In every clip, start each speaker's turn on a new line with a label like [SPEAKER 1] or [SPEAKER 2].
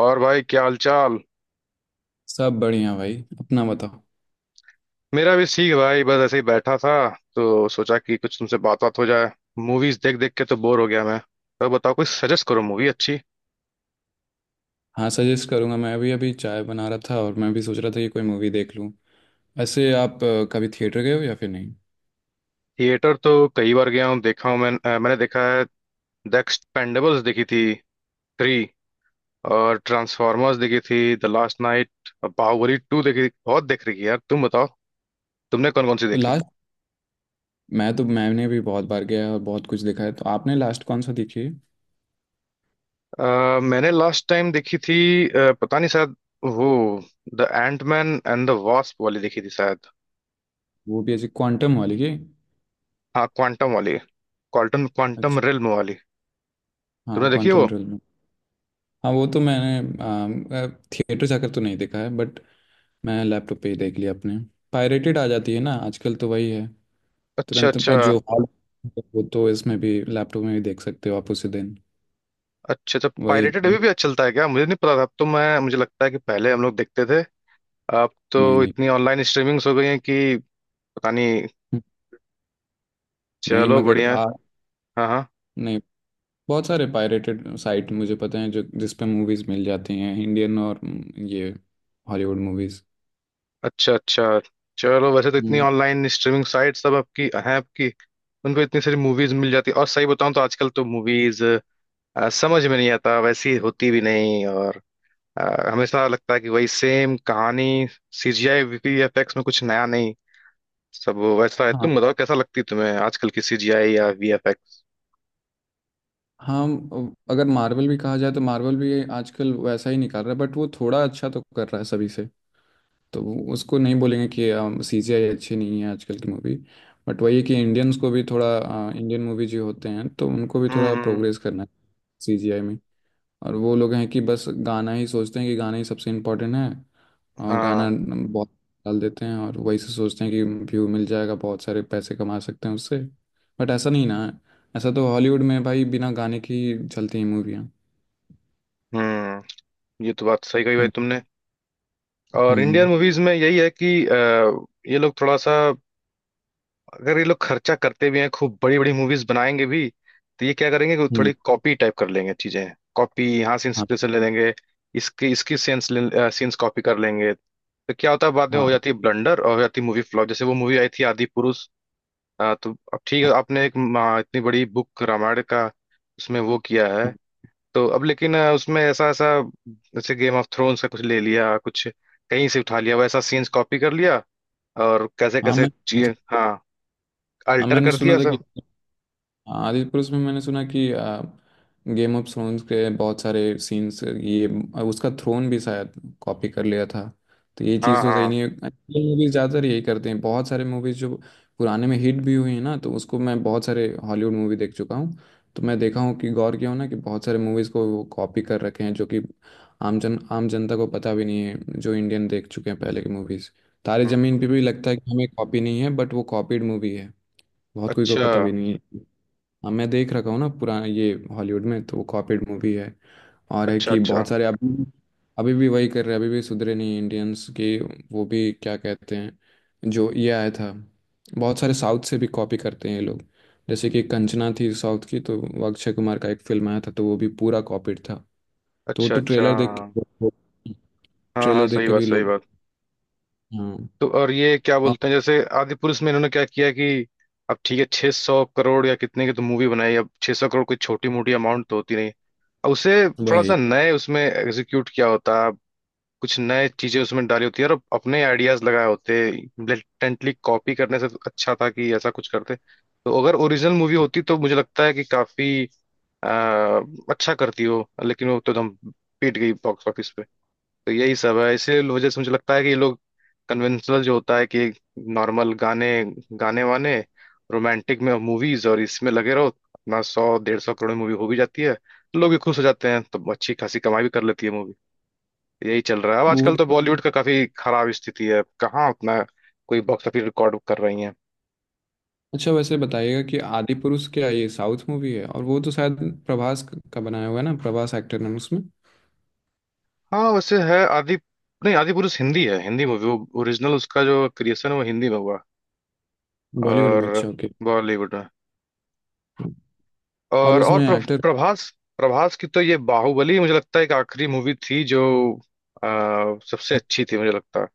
[SPEAKER 1] और भाई क्या हालचाल।
[SPEAKER 2] सब बढ़िया भाई। अपना बताओ।
[SPEAKER 1] मेरा भी ठीक भाई। बस ऐसे ही बैठा था तो सोचा कि कुछ तुमसे बात बात हो जाए। मूवीज देख देख के तो बोर हो गया मैं। तो बताओ कोई सजेस्ट करो मूवी अच्छी।
[SPEAKER 2] हाँ, सजेस्ट करूँगा। मैं अभी अभी चाय बना रहा था और मैं भी सोच रहा था कि कोई मूवी देख लूँ। ऐसे आप कभी थिएटर गए हो या फिर नहीं।
[SPEAKER 1] थिएटर तो कई बार गया हूँ देखा हूँ मैं, मैंने देखा है। द एक्सपेंडेबल्स देखी थी 3। और ट्रांसफॉर्मर्स देखी थी द लास्ट नाइट। और बाहुबली 2 देखी थी बहुत देख रही है यार तुम बताओ। तुमने कौन कौन सी
[SPEAKER 2] तो
[SPEAKER 1] देखी।
[SPEAKER 2] लास्ट, मैं तो मैंने भी बहुत बार गया और बहुत कुछ देखा है, तो आपने लास्ट कौन सा देखी है।
[SPEAKER 1] मैंने लास्ट टाइम देखी थी, पता नहीं शायद वो the ant man and the wasp वाली देखी थी शायद।
[SPEAKER 2] वो भी ऐसी क्वांटम वाली की।
[SPEAKER 1] हाँ क्वांटम वाली। क्वांटम क्वांटम
[SPEAKER 2] अच्छा।
[SPEAKER 1] रिल्म वाली।
[SPEAKER 2] हाँ,
[SPEAKER 1] तुमने देखी है वो।
[SPEAKER 2] क्वांटम रियल में। हाँ, वो तो मैंने थिएटर जाकर तो नहीं देखा है बट मैं लैपटॉप पे ही देख लिया अपने। पायरेटेड आ जाती है ना आजकल, तो वही है।
[SPEAKER 1] अच्छा
[SPEAKER 2] तुरंत
[SPEAKER 1] अच्छा।
[SPEAKER 2] जो हॉल, वो तो इसमें भी, लैपटॉप में भी देख सकते हो आप उसी दिन।
[SPEAKER 1] अच्छा अच्छा,
[SPEAKER 2] वही।
[SPEAKER 1] पायरेटेड अभी भी अच्छा चलता है क्या। मुझे नहीं पता था। अब तो मैं मुझे लगता है कि पहले हम लोग देखते थे। अब तो
[SPEAKER 2] नहीं, नहीं,
[SPEAKER 1] इतनी ऑनलाइन स्ट्रीमिंग्स हो गई हैं कि पता नहीं।
[SPEAKER 2] नहीं,
[SPEAKER 1] चलो
[SPEAKER 2] मगर
[SPEAKER 1] बढ़िया है।
[SPEAKER 2] आ,
[SPEAKER 1] हाँ हाँ।
[SPEAKER 2] नहीं, बहुत सारे पायरेटेड साइट मुझे पता है जो, जिस पे मूवीज मिल जाती हैं इंडियन और ये हॉलीवुड मूवीज।
[SPEAKER 1] अच्छा अच्छा। चलो वैसे तो इतनी
[SPEAKER 2] हम्म।
[SPEAKER 1] ऑनलाइन स्ट्रीमिंग साइट सब आपकी हैं आपकी। उन पे इतनी सारी मूवीज मिल जाती है। और सही बताऊं तो आजकल तो मूवीज समझ में नहीं आता, वैसी होती भी नहीं। और अ, हमेशा लगता है कि वही सेम कहानी। सीजीआई वीएफएक्स में कुछ नया नहीं, सब वैसा है।
[SPEAKER 2] हाँ,
[SPEAKER 1] तुम बताओ कैसा लगती है तुम्हें आजकल की सीजीआई या वीएफएक्स।
[SPEAKER 2] हाँ। अगर मार्वल भी कहा जाए तो मार्वल भी आजकल वैसा ही निकाल रहा है, बट वो थोड़ा अच्छा तो कर रहा है सभी से। तो उसको नहीं बोलेंगे कि सीजीआई अच्छी नहीं है आजकल की मूवी। बट वही है कि इंडियंस को भी थोड़ा, इंडियन मूवी जो होते हैं तो उनको भी थोड़ा
[SPEAKER 1] हम्म।
[SPEAKER 2] प्रोग्रेस करना है। सीजीआई। और वो लोग हैं कि बस गाना ही सोचते हैं, कि गाना ही सबसे इम्पोर्टेंट है। और गाना
[SPEAKER 1] हाँ
[SPEAKER 2] बहुत डाल देते हैं और वही से सोचते हैं कि व्यू मिल जाएगा, बहुत सारे पैसे कमा सकते हैं उससे। बट ऐसा नहीं ना है। ऐसा तो हॉलीवुड में भाई, बिना गाने की ही चलती हैं मूवियाँ।
[SPEAKER 1] हम्म। ये तो बात सही कही भाई
[SPEAKER 2] हम्म।
[SPEAKER 1] तुमने। और इंडियन
[SPEAKER 2] हम्म।
[SPEAKER 1] मूवीज में यही है कि ये लोग थोड़ा सा, अगर ये लोग खर्चा करते भी हैं खूब बड़ी बड़ी मूवीज बनाएंगे भी तो ये क्या करेंगे कि
[SPEAKER 2] हम्म।
[SPEAKER 1] थोड़ी कॉपी टाइप कर लेंगे चीजें। कॉपी यहाँ से
[SPEAKER 2] हाँ।
[SPEAKER 1] इंस्पिरेशन ले लेंगे। इसके इसकी सीन्स सीन्स कॉपी कर लेंगे तो क्या होता है बाद में
[SPEAKER 2] हाँ।
[SPEAKER 1] हो
[SPEAKER 2] हाँ,
[SPEAKER 1] जाती है ब्लंडर और हो जाती है मूवी फ्लॉप। जैसे वो मूवी आई थी आदि पुरुष। तो अब ठीक है आपने एक इतनी बड़ी बुक रामायण का उसमें वो किया
[SPEAKER 2] हाँ।
[SPEAKER 1] है। तो अब लेकिन उसमें ऐसा ऐसा जैसे गेम ऑफ थ्रोन्स का कुछ ले लिया, कुछ कहीं से उठा लिया, वैसा सीन्स कॉपी कर लिया। और कैसे
[SPEAKER 2] हाँ,
[SPEAKER 1] कैसे
[SPEAKER 2] मैं,
[SPEAKER 1] चीजें हाँ
[SPEAKER 2] हाँ,
[SPEAKER 1] अल्टर
[SPEAKER 2] मैंने
[SPEAKER 1] कर
[SPEAKER 2] सुना
[SPEAKER 1] दिया
[SPEAKER 2] था कि,
[SPEAKER 1] सब।
[SPEAKER 2] हाँ, आदिपुरुष में मैंने सुना कि गेम ऑफ थ्रोन्स के बहुत सारे सीन्स ये, उसका थ्रोन भी शायद कॉपी कर लिया था। तो ये
[SPEAKER 1] हाँ
[SPEAKER 2] चीज़ तो सही
[SPEAKER 1] हाँ।
[SPEAKER 2] नहीं है। मूवीज ज़्यादातर यही करते हैं। बहुत सारे मूवीज जो पुराने में हिट भी हुई हैं ना, तो उसको, मैं बहुत सारे हॉलीवुड मूवी देख चुका हूँ तो मैं देखा हूँ कि, गौर किया हूँ ना कि बहुत सारे मूवीज़ को वो कॉपी कर रखे हैं, जो कि आम जनता को पता भी नहीं है। जो इंडियन देख चुके हैं पहले की मूवीज़, तारे ज़मीन पे
[SPEAKER 1] हम्म।
[SPEAKER 2] भी लगता है कि हमें कॉपी नहीं है, बट वो कॉपीड मूवी है। बहुत कोई को
[SPEAKER 1] अच्छा
[SPEAKER 2] पता भी नहीं है। हाँ, मैं देख रखा हूँ ना पुराना ये हॉलीवुड में, तो वो कॉपीड मूवी है। और है
[SPEAKER 1] अच्छा।
[SPEAKER 2] कि
[SPEAKER 1] अच्छा
[SPEAKER 2] बहुत सारे अभी, अभी भी वही कर रहे हैं, अभी भी सुधरे नहीं इंडियंस की। वो भी क्या कहते हैं जो ये आया था, बहुत सारे साउथ से भी कॉपी करते हैं ये लोग। जैसे कि कंचना थी साउथ की, तो वो अक्षय कुमार का एक फिल्म आया था तो वो भी पूरा कॉपीड था। तो वो
[SPEAKER 1] अच्छा।
[SPEAKER 2] तो
[SPEAKER 1] अच्छा।
[SPEAKER 2] ट्रेलर देख के,
[SPEAKER 1] हाँ हाँ
[SPEAKER 2] ट्रेलर देख
[SPEAKER 1] सही
[SPEAKER 2] के
[SPEAKER 1] बात
[SPEAKER 2] भी
[SPEAKER 1] सही
[SPEAKER 2] लोग,
[SPEAKER 1] बात।
[SPEAKER 2] हाँ।
[SPEAKER 1] तो और ये क्या
[SPEAKER 2] हाँ,
[SPEAKER 1] बोलते हैं जैसे आदि पुरुष में इन्होंने क्या किया कि अब ठीक है 600 करोड़ या कितने की तो मूवी बनाई। अब 600 करोड़ कोई छोटी मोटी अमाउंट तो होती नहीं। अब उसे थोड़ा
[SPEAKER 2] वही।
[SPEAKER 1] सा नए उसमें एग्जीक्यूट किया होता। कुछ नए चीजें उसमें डाली होती है और अपने आइडियाज लगाए होते। ब्लेटेंटली कॉपी करने से तो अच्छा था कि ऐसा कुछ करते। तो अगर ओरिजिनल मूवी होती तो मुझे लगता है कि काफी आ, अच्छा करती हो। लेकिन वो तो एकदम पीट गई बॉक्स ऑफिस पे। तो यही सब है, इसीलिए वजह से मुझे लगता है कि ये लोग कन्वेंशनल जो होता है कि नॉर्मल गाने, गाने वाने, रोमांटिक में मूवीज और इसमें लगे रहो अपना 100 150 करोड़ मूवी हो भी जाती है तो लोग भी खुश हो जाते हैं तो अच्छी खासी कमाई भी कर लेती है मूवी। यही चल रहा है। अब
[SPEAKER 2] वो
[SPEAKER 1] आजकल तो
[SPEAKER 2] तो।
[SPEAKER 1] बॉलीवुड का काफी खराब स्थिति है। कहाँ उतना कोई बॉक्स ऑफिस रिकॉर्ड कर रही है।
[SPEAKER 2] अच्छा वैसे बताइएगा कि आदि पुरुष क्या ये साउथ मूवी है? और वो तो शायद प्रभास का बनाया हुआ है ना, प्रभास एक्टर नाम उसमें।
[SPEAKER 1] हाँ वैसे है आदि, नहीं आदि पुरुष हिंदी है, हिंदी मूवी वो। ओरिजिनल उसका जो क्रिएशन है वो हिंदी में हुआ है।
[SPEAKER 2] बॉलीवुड में,
[SPEAKER 1] और
[SPEAKER 2] अच्छा, ओके।
[SPEAKER 1] बॉलीवुड में।
[SPEAKER 2] और
[SPEAKER 1] और
[SPEAKER 2] उसमें एक्टर।
[SPEAKER 1] प्रभास। प्रभास की तो ये बाहुबली मुझे लगता है एक आखिरी मूवी थी जो सबसे अच्छी थी मुझे लगता है।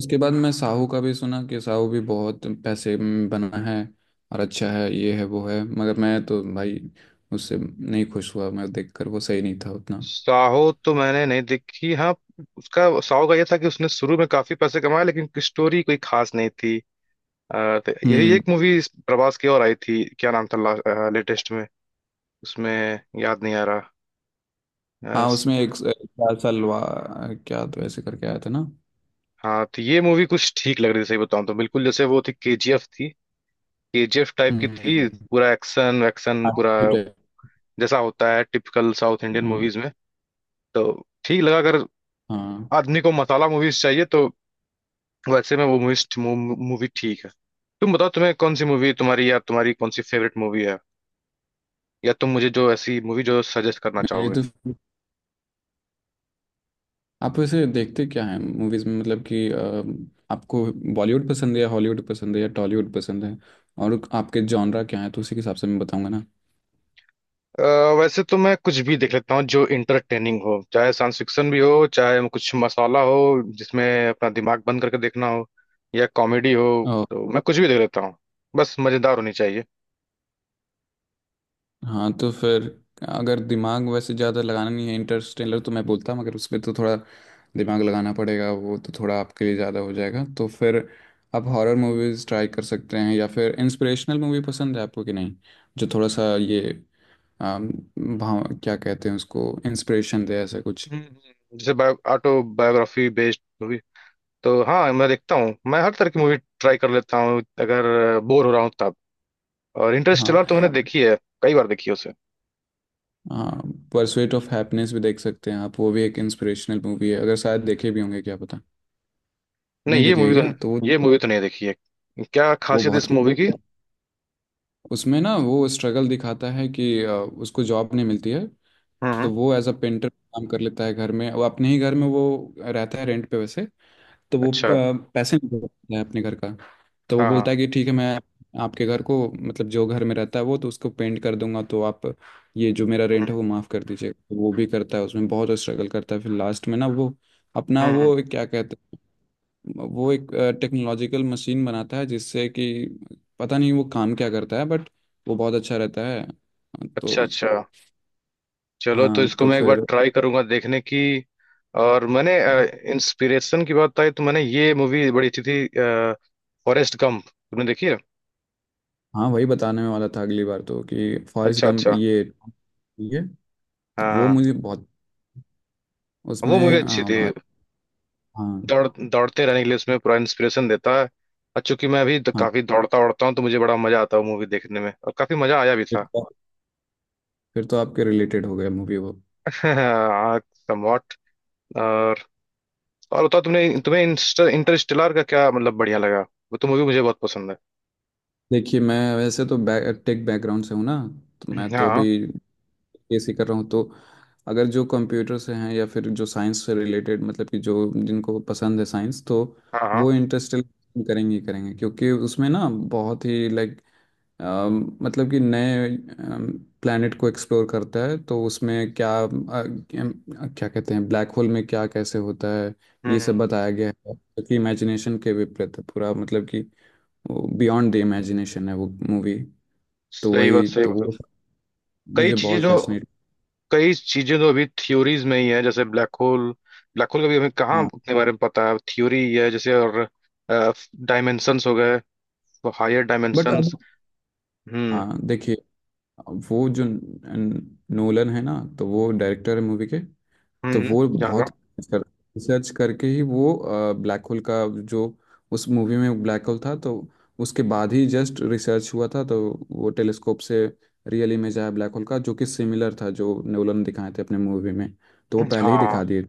[SPEAKER 2] उसके बाद मैं साहू का भी सुना कि साहू भी बहुत पैसे में बना है और अच्छा है, ये है वो है, मगर मैं तो भाई उससे नहीं खुश हुआ। मैं देखकर, वो सही नहीं था उतना।
[SPEAKER 1] साहो तो मैंने नहीं देखी हाँ। उसका साहो का ये था कि उसने शुरू में काफी पैसे कमाए लेकिन स्टोरी कोई खास नहीं थी। तो यही
[SPEAKER 2] हम्म।
[SPEAKER 1] एक मूवी प्रभास की और आई थी, क्या नाम था लेटेस्ट में, उसमें याद नहीं आ रहा। अ,
[SPEAKER 2] हाँ,
[SPEAKER 1] स-
[SPEAKER 2] उसमें एक क्या सलवा क्या, तो ऐसे करके आया था ना।
[SPEAKER 1] हाँ तो ये मूवी कुछ ठीक लग रही थी, सही बताऊं तो, बिल्कुल जैसे वो थी केजीएफ थी। केजीएफ टाइप की थी,
[SPEAKER 2] हम्म।
[SPEAKER 1] पूरा एक्शन वैक्शन
[SPEAKER 2] हाँ।
[SPEAKER 1] पूरा जैसा होता है टिपिकल साउथ इंडियन मूवीज में तो ठीक लगा। अगर
[SPEAKER 2] हाँ।
[SPEAKER 1] आदमी को मसाला मूवीज चाहिए तो वैसे में वो मूवी ठीक है। तुम बताओ तुम्हें कौन सी मूवी तुम्हारी, या तुम्हारी कौन सी फेवरेट मूवी है, या तुम मुझे जो ऐसी मूवी जो सजेस्ट करना
[SPEAKER 2] मेरी
[SPEAKER 1] चाहोगे।
[SPEAKER 2] तो, आप वैसे देखते क्या हैं मूवीज में, मतलब कि आपको बॉलीवुड पसंद है या हॉलीवुड पसंद है या टॉलीवुड पसंद है, और आपके जॉनरा क्या है, तो उसी के हिसाब से मैं बताऊंगा ना।
[SPEAKER 1] अ, वैसे तो मैं कुछ भी देख लेता हूँ जो इंटरटेनिंग हो, चाहे साइंस फिक्शन भी हो, चाहे कुछ मसाला हो जिसमें अपना दिमाग बंद करके देखना हो, या कॉमेडी हो
[SPEAKER 2] और,
[SPEAKER 1] तो मैं कुछ भी देख लेता हूँ। बस मजेदार होनी चाहिए।
[SPEAKER 2] हाँ तो फिर, अगर दिमाग वैसे ज़्यादा लगाना नहीं है, इंटरस्टेलर तो मैं बोलता हूँ, मगर उसमें तो थोड़ा दिमाग लगाना पड़ेगा, वो तो थोड़ा आपके लिए ज़्यादा हो जाएगा। तो फिर आप हॉरर मूवीज़ ट्राई कर सकते हैं, या फिर इंस्पिरेशनल मूवी पसंद है आपको कि नहीं, जो थोड़ा सा ये भाव क्या कहते हैं उसको, इंस्पिरेशन दे ऐसा कुछ।
[SPEAKER 1] जैसे बायो ऑटोबायोग्राफी बेस्ड मूवी तो हाँ मैं देखता हूँ। मैं हर तरह की मूवी ट्राई कर लेता हूँ अगर बोर हो रहा हूँ तब। और
[SPEAKER 2] हाँ।
[SPEAKER 1] इंटरस्टेलर तो मैंने देखी है। कई बार देखी है उसे।
[SPEAKER 2] हाँ। परसुएट ऑफ हैप्पीनेस भी देख सकते हैं आप, वो भी एक इंस्पिरेशनल मूवी है। अगर शायद देखे भी होंगे, क्या पता। नहीं
[SPEAKER 1] नहीं, ये
[SPEAKER 2] देखिए
[SPEAKER 1] मूवी
[SPEAKER 2] क्या तो वो
[SPEAKER 1] तो ये मूवी तो नहीं देखी है। क्या
[SPEAKER 2] वो
[SPEAKER 1] खासियत है
[SPEAKER 2] बहुत,
[SPEAKER 1] इस मूवी की।
[SPEAKER 2] उसमें ना वो स्ट्रगल दिखाता है कि उसको जॉब नहीं मिलती है।
[SPEAKER 1] हम्म हम्म।
[SPEAKER 2] तो वो एज अ पेंटर काम कर लेता है, घर में वो, अपने ही घर में वो रहता है रेंट पे वैसे। तो वो
[SPEAKER 1] अच्छा।
[SPEAKER 2] पैसे नहीं दे पाता है अपने घर का। तो वो
[SPEAKER 1] हाँ
[SPEAKER 2] बोलता है कि ठीक है, मैं आपके घर को, मतलब जो घर में रहता है वो तो, उसको पेंट कर दूंगा, तो आप ये जो मेरा
[SPEAKER 1] हाँ।
[SPEAKER 2] रेंट है वो माफ़ कर दीजिए। तो वो भी करता है, उसमें बहुत स्ट्रगल करता है। फिर लास्ट में ना वो अपना
[SPEAKER 1] हम्म हम्म।
[SPEAKER 2] वो क्या कहते हैं वो एक टेक्नोलॉजिकल मशीन बनाता है, जिससे कि पता नहीं वो काम क्या करता है बट वो बहुत अच्छा रहता है। तो।
[SPEAKER 1] अच्छा अच्छा, चलो तो
[SPEAKER 2] हाँ
[SPEAKER 1] इसको
[SPEAKER 2] तो
[SPEAKER 1] मैं एक बार
[SPEAKER 2] फिर।
[SPEAKER 1] ट्राई करूंगा देखने की। और मैंने, इंस्पिरेशन की बात आई तो मैंने, ये मूवी बड़ी अच्छी थी फॉरेस्ट गंप, तुमने देखी है।
[SPEAKER 2] हाँ, वही बताने वाला था अगली बार तो, कि फॉरेस्ट
[SPEAKER 1] अच्छा
[SPEAKER 2] गंप
[SPEAKER 1] अच्छा।
[SPEAKER 2] ये तो,
[SPEAKER 1] हाँ
[SPEAKER 2] वो
[SPEAKER 1] हाँ।
[SPEAKER 2] मुझे बहुत,
[SPEAKER 1] वो मूवी
[SPEAKER 2] उसमें,
[SPEAKER 1] अच्छी
[SPEAKER 2] हाँ
[SPEAKER 1] थी।
[SPEAKER 2] भाई। हाँ।
[SPEAKER 1] दौड़ दौड़ते रहने के लिए उसमें पूरा इंस्पिरेशन देता है। और चूंकि मैं अभी
[SPEAKER 2] हाँ
[SPEAKER 1] काफी दौड़ता दौड़ता हूँ तो मुझे बड़ा मजा आता है मूवी देखने में और काफी मजा आया भी
[SPEAKER 2] फिर
[SPEAKER 1] था।
[SPEAKER 2] तो, फिर तो आपके रिलेटेड हो गया मूवी वो।
[SPEAKER 1] समवॉट। और और बताओ तुमने, तुम्हें इंटरस्टेलर का क्या मतलब बढ़िया लगा। वो तो मूवी मुझे बहुत पसंद है।
[SPEAKER 2] देखिए, मैं वैसे तो टेक बैकग्राउंड से हूँ ना, तो मैं तो
[SPEAKER 1] हाँ
[SPEAKER 2] अभी बीएससी कर रहा हूँ। तो अगर जो कंप्यूटर से हैं या फिर जो साइंस से रिलेटेड, मतलब कि जो जिनको पसंद है साइंस, तो
[SPEAKER 1] हाँ हाँ।
[SPEAKER 2] वो इंटरेस्ट करेंगे ही करेंगे, क्योंकि उसमें ना बहुत ही लाइक, मतलब कि नए प्लैनेट को एक्सप्लोर करता है। तो उसमें क्या, क्या कहते हैं, ब्लैक होल में क्या कैसे होता है, ये सब
[SPEAKER 1] हम्म।
[SPEAKER 2] बताया गया है, जो कि इमेजिनेशन के विपरीत है पूरा, मतलब कि बियॉन्ड द इमेजिनेशन है वो मूवी। तो
[SPEAKER 1] सही बात
[SPEAKER 2] वही,
[SPEAKER 1] सही
[SPEAKER 2] तो वो
[SPEAKER 1] बात। कई
[SPEAKER 2] मुझे
[SPEAKER 1] चीजें
[SPEAKER 2] बहुत
[SPEAKER 1] जो
[SPEAKER 2] फैसिनेट।
[SPEAKER 1] कई चीजें जो अभी थ्योरीज में ही है जैसे ब्लैक होल। ब्लैक होल का भी हमें कहाँ
[SPEAKER 2] हाँ।
[SPEAKER 1] उतने बारे में पता है, थ्योरी ही है जैसे। और डायमेंशंस हो गए, हायर
[SPEAKER 2] बट
[SPEAKER 1] डायमेंशंस।
[SPEAKER 2] अब,
[SPEAKER 1] हम्म
[SPEAKER 2] हाँ देखिए, वो जो नोलन है ना, तो वो डायरेक्टर है मूवी के। तो
[SPEAKER 1] हम्म।
[SPEAKER 2] वो बहुत
[SPEAKER 1] जागा।
[SPEAKER 2] रिसर्च करके ही, वो ब्लैक होल का जो, उस मूवी में ब्लैक होल था, तो उसके बाद ही जस्ट रिसर्च हुआ था। तो वो टेलीस्कोप से रियल इमेज आया ब्लैक होल का, जो कि सिमिलर था जो नोलन दिखाए थे अपने मूवी में। तो वो पहले ही
[SPEAKER 1] हाँ
[SPEAKER 2] दिखा दिए।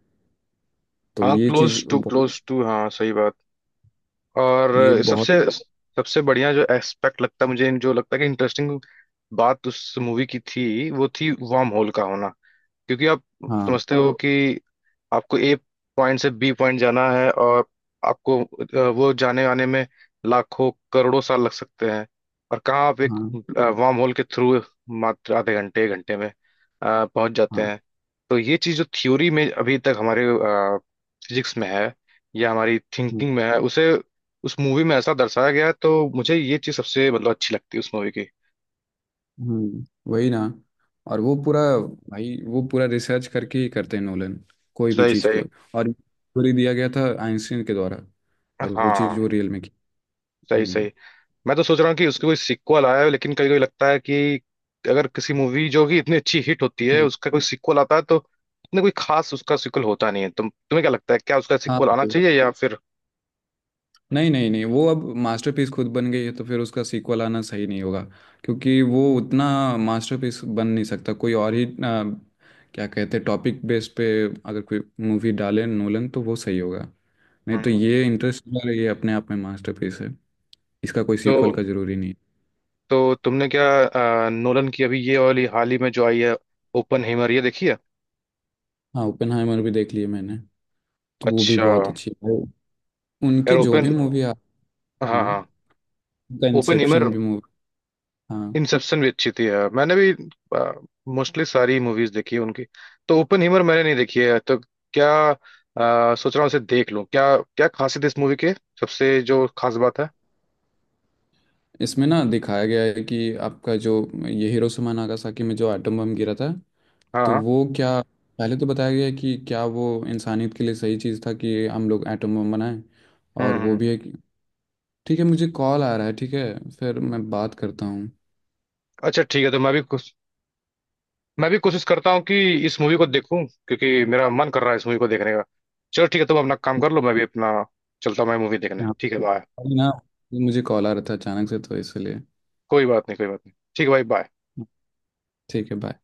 [SPEAKER 2] तो
[SPEAKER 1] हाँ
[SPEAKER 2] ये चीज़
[SPEAKER 1] क्लोज टू
[SPEAKER 2] बहुत-,
[SPEAKER 1] क्लोज टू हाँ सही बात।
[SPEAKER 2] ये
[SPEAKER 1] और
[SPEAKER 2] बहुत।
[SPEAKER 1] सबसे सबसे बढ़िया जो एस्पेक्ट लगता है मुझे, जो लगता है कि इंटरेस्टिंग बात उस मूवी की थी वो थी वार्म होल का होना। क्योंकि आप
[SPEAKER 2] हाँ,
[SPEAKER 1] समझते हो कि आपको ए पॉइंट से बी पॉइंट जाना है और आपको, वो जाने आने में लाखों करोड़ों साल लग सकते हैं। और कहाँ आप एक
[SPEAKER 2] हाँ।
[SPEAKER 1] वार्म होल के थ्रू मात्र आधे घंटे 1 घंटे में पहुंच जाते
[SPEAKER 2] हाँ।
[SPEAKER 1] हैं। तो ये चीज़ जो थ्योरी में अभी तक हमारे फिजिक्स में है या हमारी थिंकिंग में है उसे उस मूवी में ऐसा दर्शाया गया है। तो मुझे ये चीज़ सबसे मतलब अच्छी लगती है उस मूवी की।
[SPEAKER 2] हम्म। वही ना। और वो पूरा, भाई वो पूरा रिसर्च करके ही करते हैं नोलन कोई भी
[SPEAKER 1] सही
[SPEAKER 2] चीज़
[SPEAKER 1] सही।
[SPEAKER 2] को। और थ्योरी दिया गया था आइंस्टीन के द्वारा, और वो
[SPEAKER 1] हाँ
[SPEAKER 2] चीज़ वो रियल में की।
[SPEAKER 1] सही
[SPEAKER 2] हम्म।
[SPEAKER 1] सही। मैं तो सोच रहा हूँ कि उसकी कोई सीक्वल आया है, लेकिन कभी कभी लगता है कि अगर किसी मूवी जो कि इतनी अच्छी हिट होती है
[SPEAKER 2] हम्म।
[SPEAKER 1] उसका कोई सीक्वल आता है तो इतने कोई खास उसका सीक्वल होता नहीं है। तुम्हें क्या लगता है क्या उसका
[SPEAKER 2] हाँ,
[SPEAKER 1] सीक्वल आना चाहिए या फिर।
[SPEAKER 2] नहीं, नहीं, नहीं, वो अब मास्टरपीस खुद बन गई है, तो फिर उसका सीक्वल आना सही नहीं होगा, क्योंकि वो उतना मास्टरपीस बन नहीं सकता। कोई और ही आ, क्या कहते हैं टॉपिक बेस पे अगर कोई मूवी डाले नोलन, तो वो सही होगा। नहीं तो
[SPEAKER 1] हम्म।
[SPEAKER 2] ये इंटरेस्ट, ये अपने आप में मास्टरपीस है, इसका कोई
[SPEAKER 1] तो
[SPEAKER 2] सीक्वल का जरूरी नहीं है।
[SPEAKER 1] तो तुमने क्या, नोलन की अभी ये वाली हाल ही में जो आई है ओपन हेमर, ये देखी है।
[SPEAKER 2] हाँ, ओपेनहाइमर भी देख लिए मैंने, तो वो भी
[SPEAKER 1] अच्छा।
[SPEAKER 2] बहुत अच्छी है। उनके
[SPEAKER 1] यार
[SPEAKER 2] जो भी
[SPEAKER 1] ओपन,
[SPEAKER 2] मूवी आ,
[SPEAKER 1] हाँ
[SPEAKER 2] हाँ,
[SPEAKER 1] हाँ।
[SPEAKER 2] उनका
[SPEAKER 1] ओपन
[SPEAKER 2] इंसेप्शन भी मूवी। हाँ।
[SPEAKER 1] इंसेप्शन भी अच्छी थी यार, मैंने भी मोस्टली सारी मूवीज देखी है उनकी। तो ओपन हीमर मैंने नहीं देखी है, तो क्या सोच रहा हूँ उसे देख लूँ, क्या क्या खासियत है इस मूवी के, सबसे जो खास बात है।
[SPEAKER 2] इसमें ना दिखाया गया है कि आपका जो ये हिरोशिमा नागासाकी में जो एटम बम गिरा था,
[SPEAKER 1] हाँ
[SPEAKER 2] तो
[SPEAKER 1] हाँ।
[SPEAKER 2] वो क्या, पहले तो बताया गया है कि क्या वो इंसानियत के लिए सही चीज़ था कि हम लोग एटम बम बनाएं।
[SPEAKER 1] हम्म
[SPEAKER 2] और वो
[SPEAKER 1] हम्म।
[SPEAKER 2] भी है कि, ठीक है मुझे कॉल आ रहा है, ठीक है फिर मैं बात करता हूँ।
[SPEAKER 1] अच्छा ठीक है, तो मैं भी कोशिश करता हूँ कि इस मूवी को देखूं, क्योंकि मेरा मन कर रहा है इस मूवी को देखने का। चलो ठीक है, तुम अपना काम कर लो, मैं भी अपना, चलता हूँ मैं मूवी देखने,
[SPEAKER 2] हाँ,
[SPEAKER 1] ठीक है बाय।
[SPEAKER 2] अभी ना मुझे कॉल आ रहा था अचानक से तो इसलिए।
[SPEAKER 1] कोई बात नहीं ठीक है भाई बाय।
[SPEAKER 2] ठीक है, बाय।